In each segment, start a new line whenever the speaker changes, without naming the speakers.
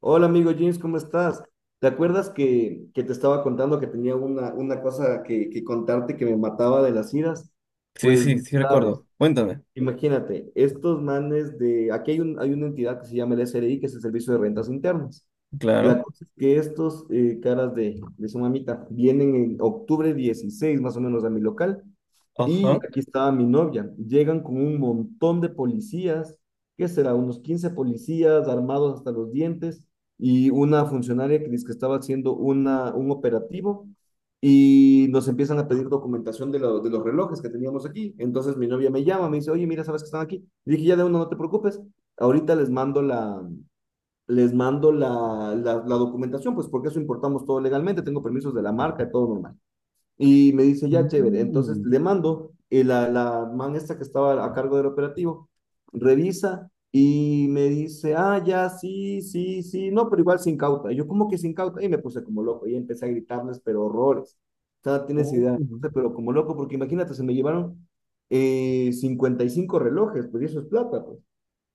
Hola amigo James, ¿cómo estás? ¿Te acuerdas que te estaba contando que tenía una cosa que contarte que me mataba de las iras?
Sí,
Pues
sí,
no
sí
sabes.
recuerdo. Cuéntame.
Imagínate, estos manes de, aquí hay, un, hay una entidad que se llama el SRI, que es el Servicio de Rentas Internas. La
Claro.
cosa es que estos caras de su mamita vienen en 16 de octubre más o menos a mi local y
Ajá.
aquí estaba mi novia. Llegan con un montón de policías, ¿qué será? Unos 15 policías armados hasta los dientes y una funcionaria que dice que estaba haciendo un operativo y nos empiezan a pedir documentación de, de los relojes que teníamos aquí. Entonces mi novia me llama, me dice, oye, mira, ¿sabes que están aquí? Le dije, ya de uno, no te preocupes, ahorita les mando la documentación, pues porque eso importamos todo legalmente, tengo permisos de la marca y todo normal. Y me dice, ya, chévere. Entonces
Mm.
le mando, y la man esta que estaba a cargo del operativo, revisa y me dice, ah, ya, sí, sí, sí, no, pero igual sin cauta. Y yo, ¿cómo que sin cauta? Y me puse como loco y empecé a gritarles, pero horrores. O sea, no tienes
Oh.
idea, pero como loco, porque imagínate, se me llevaron 55 relojes, pues y eso es plata, pues.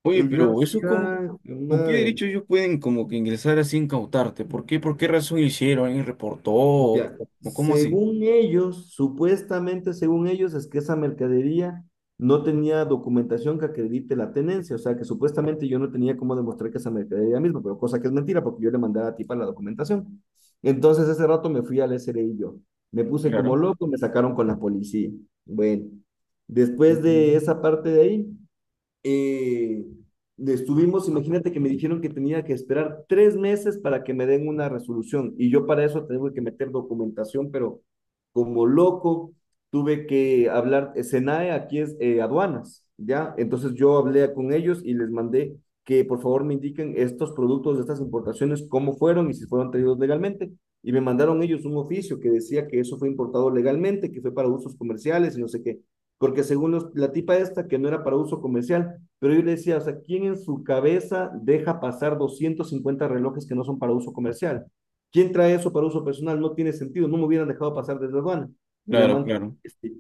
Oye,
Y yo
pero eso
así,
es como,
ay,
¿con qué
madre.
derecho ellos pueden como que ingresar así e incautarte? ¿Por qué? ¿Por qué razón hicieron? ¿Alguien reportó?
Ya,
O cómo así?
según ellos, supuestamente según ellos, es que esa mercadería no tenía documentación que acredite la tenencia, o sea que supuestamente yo no tenía cómo demostrar que esa mercadería misma, pero cosa que es mentira porque yo le mandé a la tipa la documentación. Entonces ese rato me fui al SRI yo, me puse como
Claro.
loco, me sacaron con la policía. Bueno, después de esa
Ujú.
parte de ahí, eh, estuvimos, imagínate que me dijeron que tenía que esperar 3 meses para que me den una resolución y yo para eso tengo que meter documentación, pero como loco tuve que hablar, SENAE aquí es aduanas, ¿ya? Entonces yo hablé con ellos y les mandé que por favor me indiquen estos productos de estas importaciones, cómo fueron y si fueron traídos legalmente. Y me mandaron ellos un oficio que decía que eso fue importado legalmente, que fue para usos comerciales y no sé qué porque según los, la tipa esta, que no era para uso comercial, pero yo le decía, o sea, ¿quién en su cabeza deja pasar 250 relojes que no son para uso comercial? ¿Quién trae eso para uso personal? No tiene sentido, no me hubieran dejado pasar desde aduana. Y la
Claro,
man, que...
claro.
este,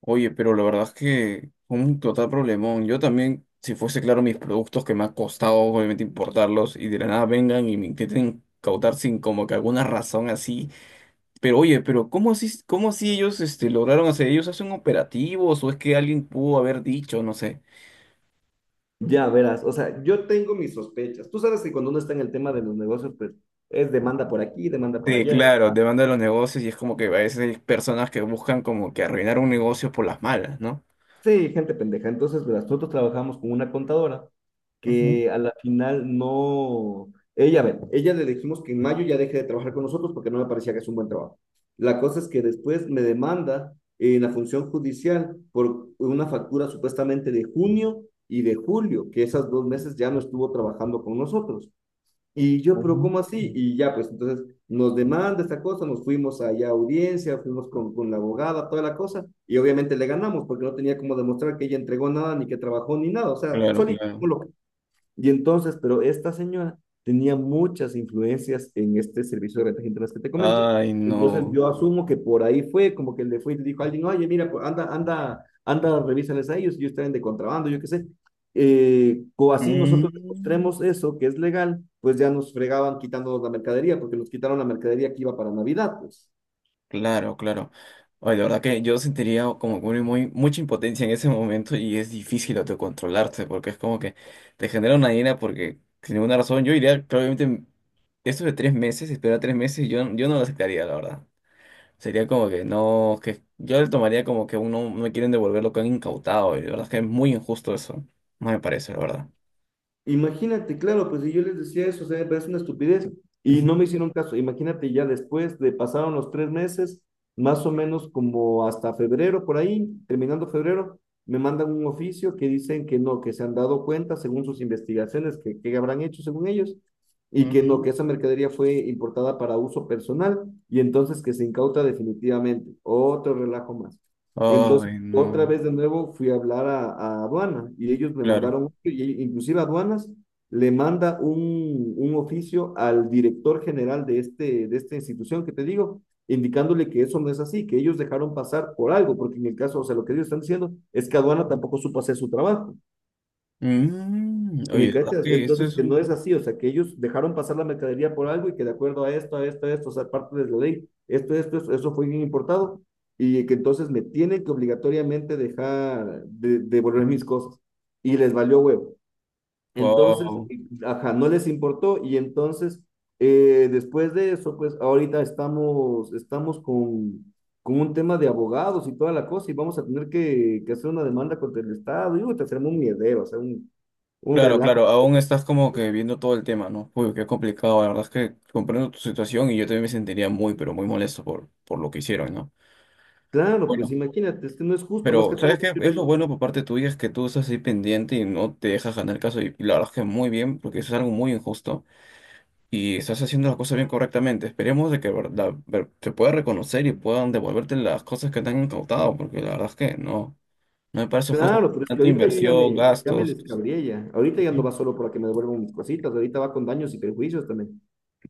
Oye, pero la verdad es que fue un total problemón. Yo también, si fuese claro, mis productos que me ha costado obviamente importarlos y de la nada vengan y me intenten cautar sin como que alguna razón así. Pero oye, pero cómo así ellos este, lograron hacer? ¿Ellos hacen operativos o es que alguien pudo haber dicho, no sé?
ya verás, o sea, yo tengo mis sospechas. Tú sabes que cuando uno está en el tema de los negocios, pues es demanda por aquí, demanda por
Sí,
allá, eso.
claro, demanda los negocios y es como que a veces hay personas que buscan como que arruinar un negocio por las malas, ¿no?
Sí, gente pendeja. Entonces, verás, nosotros trabajamos con una contadora
Ujú.
que a la final no... Ella, a ver, ella le dijimos que en mayo ya deje de trabajar con nosotros porque no me parecía que es un buen trabajo. La cosa es que después me demanda en la función judicial por una factura supuestamente de junio y de julio, que esas dos meses ya no estuvo trabajando con nosotros. Y yo, pero ¿cómo
Ujú.
así? Y ya, pues entonces nos demanda esta cosa, nos fuimos allá a audiencia, fuimos con la abogada, toda la cosa, y obviamente le ganamos porque no tenía como demostrar que ella entregó nada, ni que trabajó, ni nada, o sea,
Claro,
solito
claro.
como lo. Y entonces, pero esta señora tenía muchas influencias en este servicio de rentas internas que te comento.
Ay,
Entonces
no.
yo asumo que por ahí fue, como que le fue y le dijo a alguien, oye, mira, pues, anda, anda, anda, revísales a ellos, ellos traen de contrabando, yo qué sé. O así nosotros
Mm.
demostremos eso, que es legal, pues ya nos fregaban quitándonos la mercadería, porque nos quitaron la mercadería que iba para Navidad, pues.
Claro, claro. Oye, la verdad que yo sentiría como que mucha impotencia en ese momento y es difícil autocontrolarse porque es como que te genera una ira porque sin ninguna razón yo iría probablemente eso de tres meses, esperar tres meses, yo no lo aceptaría, la verdad. Sería como que no, que yo lo tomaría como que uno no me quieren devolver lo que han incautado y la verdad es que es muy injusto eso. No me parece, la verdad.
Imagínate, claro, pues si yo les decía eso, o sea, me parece una estupidez y no
Ujú.
me hicieron caso. Imagínate ya después de pasaron los 3 meses, más o menos como hasta febrero, por ahí, terminando febrero, me mandan un oficio que dicen que no, que se han dado cuenta según sus investigaciones, que habrán hecho según ellos, y que no,
Ujú.
que esa mercadería fue importada para uso personal y entonces que se incauta definitivamente. Otro relajo más. Entonces,
Ay,
otra
no.
vez de nuevo fui a hablar a aduana y ellos me
Claro.
mandaron, y e inclusive aduanas le manda un oficio al director general de, este, de esta institución que te digo, indicándole que eso no es así, que ellos dejaron pasar por algo, porque en el caso, o sea, lo que ellos están diciendo es que aduana tampoco supo hacer su trabajo.
Mm,
¿Me
oye, la verdad
cachas?
que esto
Entonces,
es
que no
un...
es así, o sea, que ellos dejaron pasar la mercadería por algo y que de acuerdo a esto, a esto, a esto, o sea, parte de la ley, esto, eso fue bien importado y que entonces me tienen que obligatoriamente dejar de, devolver mis cosas y les valió huevo. Entonces,
Wow.
ajá, no les importó y entonces, después de eso, pues ahorita estamos, estamos con un tema de abogados y toda la cosa y vamos a tener que hacer una demanda contra el Estado y uy, te hacemos un miedero, o sea, un
Claro,
relajo.
claro, aún estás como que viendo todo el tema, ¿no? Uy, qué complicado, la verdad es que comprendo tu situación y yo también me sentiría muy, pero muy molesto por lo que hicieron, ¿no?
Claro, pues
Bueno,
imagínate, es que no es justo, más que
pero ¿sabes
todo,
qué?
yo
Es lo
digo,
bueno por parte tuya, es que tú estás ahí pendiente y no te dejas ganar el caso y la verdad es que muy bien, porque eso es algo muy injusto y estás haciendo las cosas bien correctamente. Esperemos de que verdad, ver- te pueda reconocer y puedan devolverte las cosas que te han incautado, porque la verdad es que no, no me parece justo.
claro, pero es que
Tanta
ahorita yo
inversión,
ya me
gastos.
descabrié ya. Ahorita ya no va solo para que me devuelvan mis cositas, ahorita va con daños y perjuicios también.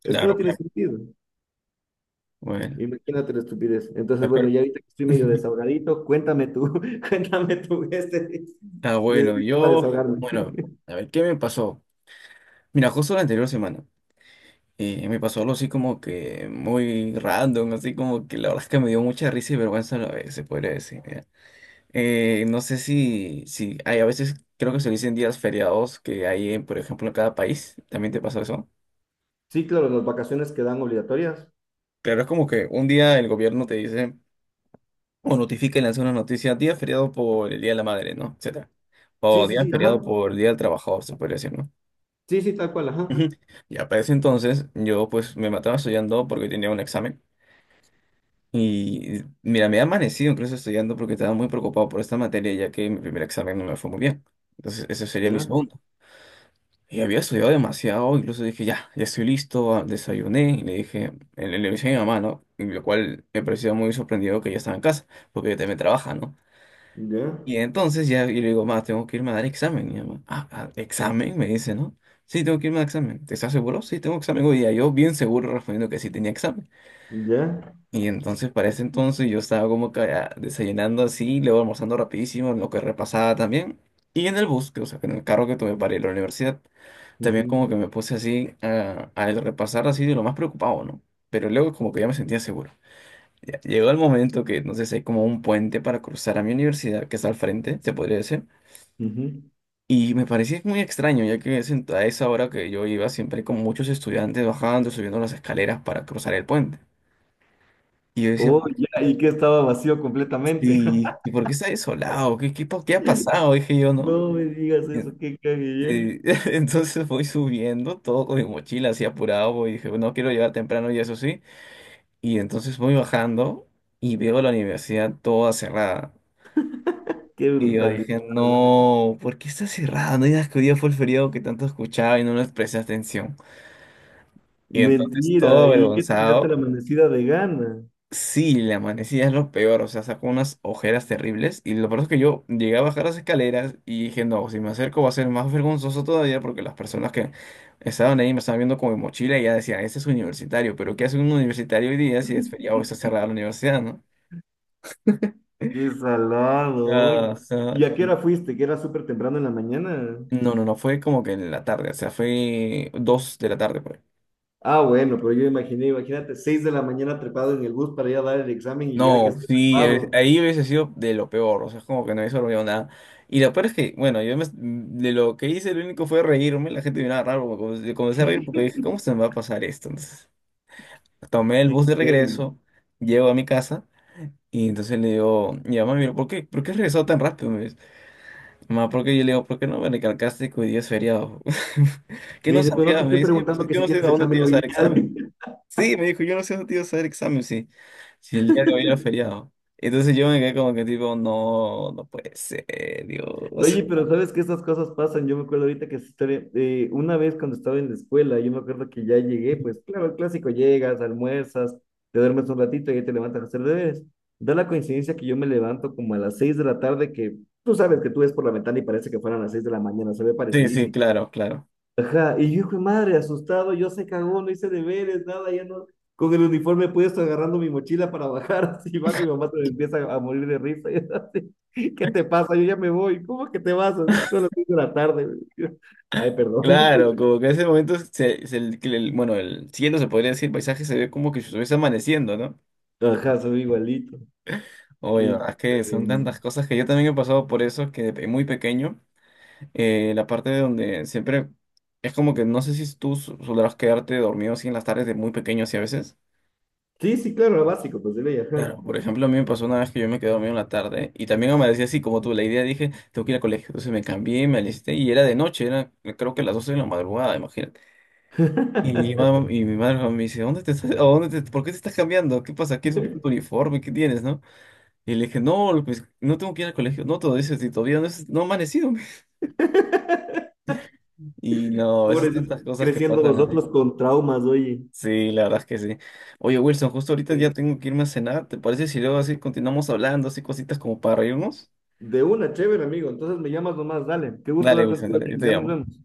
Es que no
Claro,
tiene
claro.
sentido.
Bueno,
Imagínate la estupidez. Entonces, bueno,
espero.
ya ahorita que estoy medio desahogadito, cuéntame tú, cuéntame tú este
Ah, bueno,
para
yo,
desahogarme.
bueno, a ver, ¿qué me pasó? Mira, justo la anterior semana, me pasó algo así como que muy random, así como que la verdad es que me dio mucha risa y vergüenza a la vez, se podría decir. Ya. No sé si hay a veces, creo que se dicen días feriados que hay, en, por ejemplo, en cada país, ¿también te pasó eso?
Sí, claro, las vacaciones quedan obligatorias.
Claro, es como que un día el gobierno te dice, o notifica y lanza una noticia, día feriado por el Día de la Madre, ¿no? Etcétera.
Sí,
O
sí,
día
sí, ajá.
feriado por el Día del Trabajador, se podría decir, ¿no?
Sí, sí, tal cual, ajá.
Ujú. Ya, para ese entonces yo pues me mataba estudiando porque tenía un examen y mira, me he amanecido incluso estudiando porque estaba muy preocupado por esta materia ya que mi primer examen no me fue muy bien. Entonces ese sería mi
Ya,
segundo. Y había estudiado demasiado, incluso dije, ya, ya estoy listo, ah, desayuné y le dije, le avisé a mi mamá, ¿no? Y lo cual me parecía muy sorprendido que ella estaba en casa porque ella también trabaja, ¿no?
ya,
Y entonces ya y le digo, ma, tengo que irme a dar examen. Y mi mamá, ah, ah, examen, me dice, ¿no? Sí, tengo que irme a examen. ¿Te estás seguro? Sí, tengo examen hoy día. Yo bien seguro respondiendo que sí tenía examen.
ya.
Y entonces para ese entonces yo estaba como que desayunando así, luego almorzando rapidísimo, lo que repasaba también. Y en el bus, que, o sea, en el carro que tomé para ir a la universidad, también
Ujú,
como que me puse así a repasar así de lo más preocupado, ¿no? Pero luego como que ya me sentía seguro. Ya, llegó el momento que, no sé, si hay como un puente para cruzar a mi universidad, que está al frente, se podría decir.
ujú.
Y me parecía muy extraño, ya que es en- a esa hora que yo iba siempre con muchos estudiantes bajando, subiendo las escaleras para cruzar el puente. Y yo decía,
Oh,
"¿Por qué
ya, y que estaba vacío completamente.
sí, ¿y por qué está desolado? ¿Qué, qué, pa- qué ha pasado? Dije yo, ¿no?
No me digas eso, qué cague, ¿eh?
Este, entonces voy subiendo, todo con mi mochila así apurado, voy, dije, no quiero llegar temprano y eso sí. Y entonces voy bajando y veo la universidad toda cerrada.
Qué
Y yo
brutalidad,
dije,
güey.
no, ¿por qué está cerrada? No digas que hoy día fue el feriado que tanto escuchaba y no les presté atención. Y entonces todo
Mentira, ¿y qué te pegaste la
avergonzado,
amanecida de gana?
sí, la manecilla es lo peor, o sea, sacó unas ojeras terribles y lo peor es que yo llegué a bajar las escaleras y dije, no, si me acerco va a ser más vergonzoso todavía porque las personas que estaban ahí me estaban viendo con mi mochila y ya decían, ese es universitario, pero ¿qué hace un universitario hoy día si es feriado está cerrada la universidad, ¿no?
Qué salado,
Ah,
oye.
o sea,
¿Y a qué hora fuiste? ¿Que era súper temprano en la mañana?
no, fue como que en la tarde, o sea, fue dos de la tarde por ahí.
Ah, bueno, pero yo imaginé, imagínate, 6 de la mañana trepado en el bus para ir a dar el examen y llegar a que
No,
esté
sí,
cerrado.
ahí hubiese sido de lo peor, o sea, es como que no hubiese olvidado nada. Y lo peor es que, bueno, yo me- de lo que hice, lo único fue reírme, la gente me miraba raro, porque comencé a reír porque dije, ¿cómo se me va a pasar esto? Entonces, tomé el
Y,
bus de
güey,
regreso, llego a mi casa, y entonces le digo, mi mamá me dijo, ¿por qué? ¿Por qué has regresado tan rápido? Me dice, mamá, ¿por qué? Yo le digo, ¿por qué no me recalcaste que hoy día es feriado? ¿Qué
me
no
dice, pero no
sabía?
te estoy
Me dice,
preguntando
"Pues,
que
yo
si
no sé a
tienes
dónde te
examen
ibas
hoy
a dar examen.
día.
Sí, me dijo, yo no sé dónde te ibas a dar examen si, si el día de hoy era feriado. Entonces yo me quedé como que tipo, no, no puede ser, Dios.
Oye, pero sabes que estas cosas pasan. Yo me acuerdo ahorita que esa historia, una vez cuando estaba en la escuela, yo me acuerdo que ya llegué, pues claro, el clásico, llegas, almuerzas, te duermes un ratito y ya te levantas a hacer deberes. Da la coincidencia que yo me levanto como a las 6 de la tarde, que tú sabes que tú ves por la ventana y parece que fueran las 6 de la mañana, se ve
Sí, sí,
parecidísimo.
claro, claro.
Ajá, y yo, hijo de madre, asustado, yo se cagó, no hice deberes, nada, ya no, con el uniforme puesto agarrando mi mochila para bajar, así bajo, y mi mamá se me empieza a morir de risa, y yo así, ¿qué te pasa? Yo ya me voy, ¿cómo que te vas? Así son las 6 de la tarde. Yo, ay, perdón,
Claro, como que en ese momento, se- el- bueno, el cielo se podría decir, el paisaje se ve como que si estuviese amaneciendo, ¿no?
ajá, soy igualito.
Oye,
Qué-
verdad es que son
eh,
tantas cosas que yo también he pasado por eso, que de pe- muy pequeño, la parte de donde siempre es como que no sé si tú su- sabrás quedarte dormido así en las tardes de muy pequeño así a veces.
sí, sí, claro, lo básico, pues, de ley, ajá,
Claro, por ejemplo, a mí me pasó una vez que yo me quedé dormido en la tarde y también amanecí así como tú. La idea dije, tengo que ir al colegio. Entonces me cambié, me alisté y era de noche, era creo que las 12 de la madrugada, imagínate. Y, ma- y mi madre me dice, ¿dónde te estás, a dónde te- por qué te estás cambiando? ¿Qué pasa? ¿Quieres tu uniforme? ¿Qué tienes, no? Y le dije, no, pues no tengo que ir al colegio. No, todo eso, si todavía no, es, no he amanecido. Y no, esas
pobrecito,
tantas cosas que
creciendo
pasan así.
nosotros con traumas, oye.
Sí, la verdad es que sí. Oye, Wilson, justo ahorita ya
Sí.
tengo que irme a cenar. ¿Te parece si luego así continuamos hablando, así cositas como para reírnos?
De una, chévere, amigo, entonces me llamas nomás, dale, qué gusto
Dale,
hablar
Wilson,
contigo,
dale, yo
James,
te
ya nos
llamo.
vemos.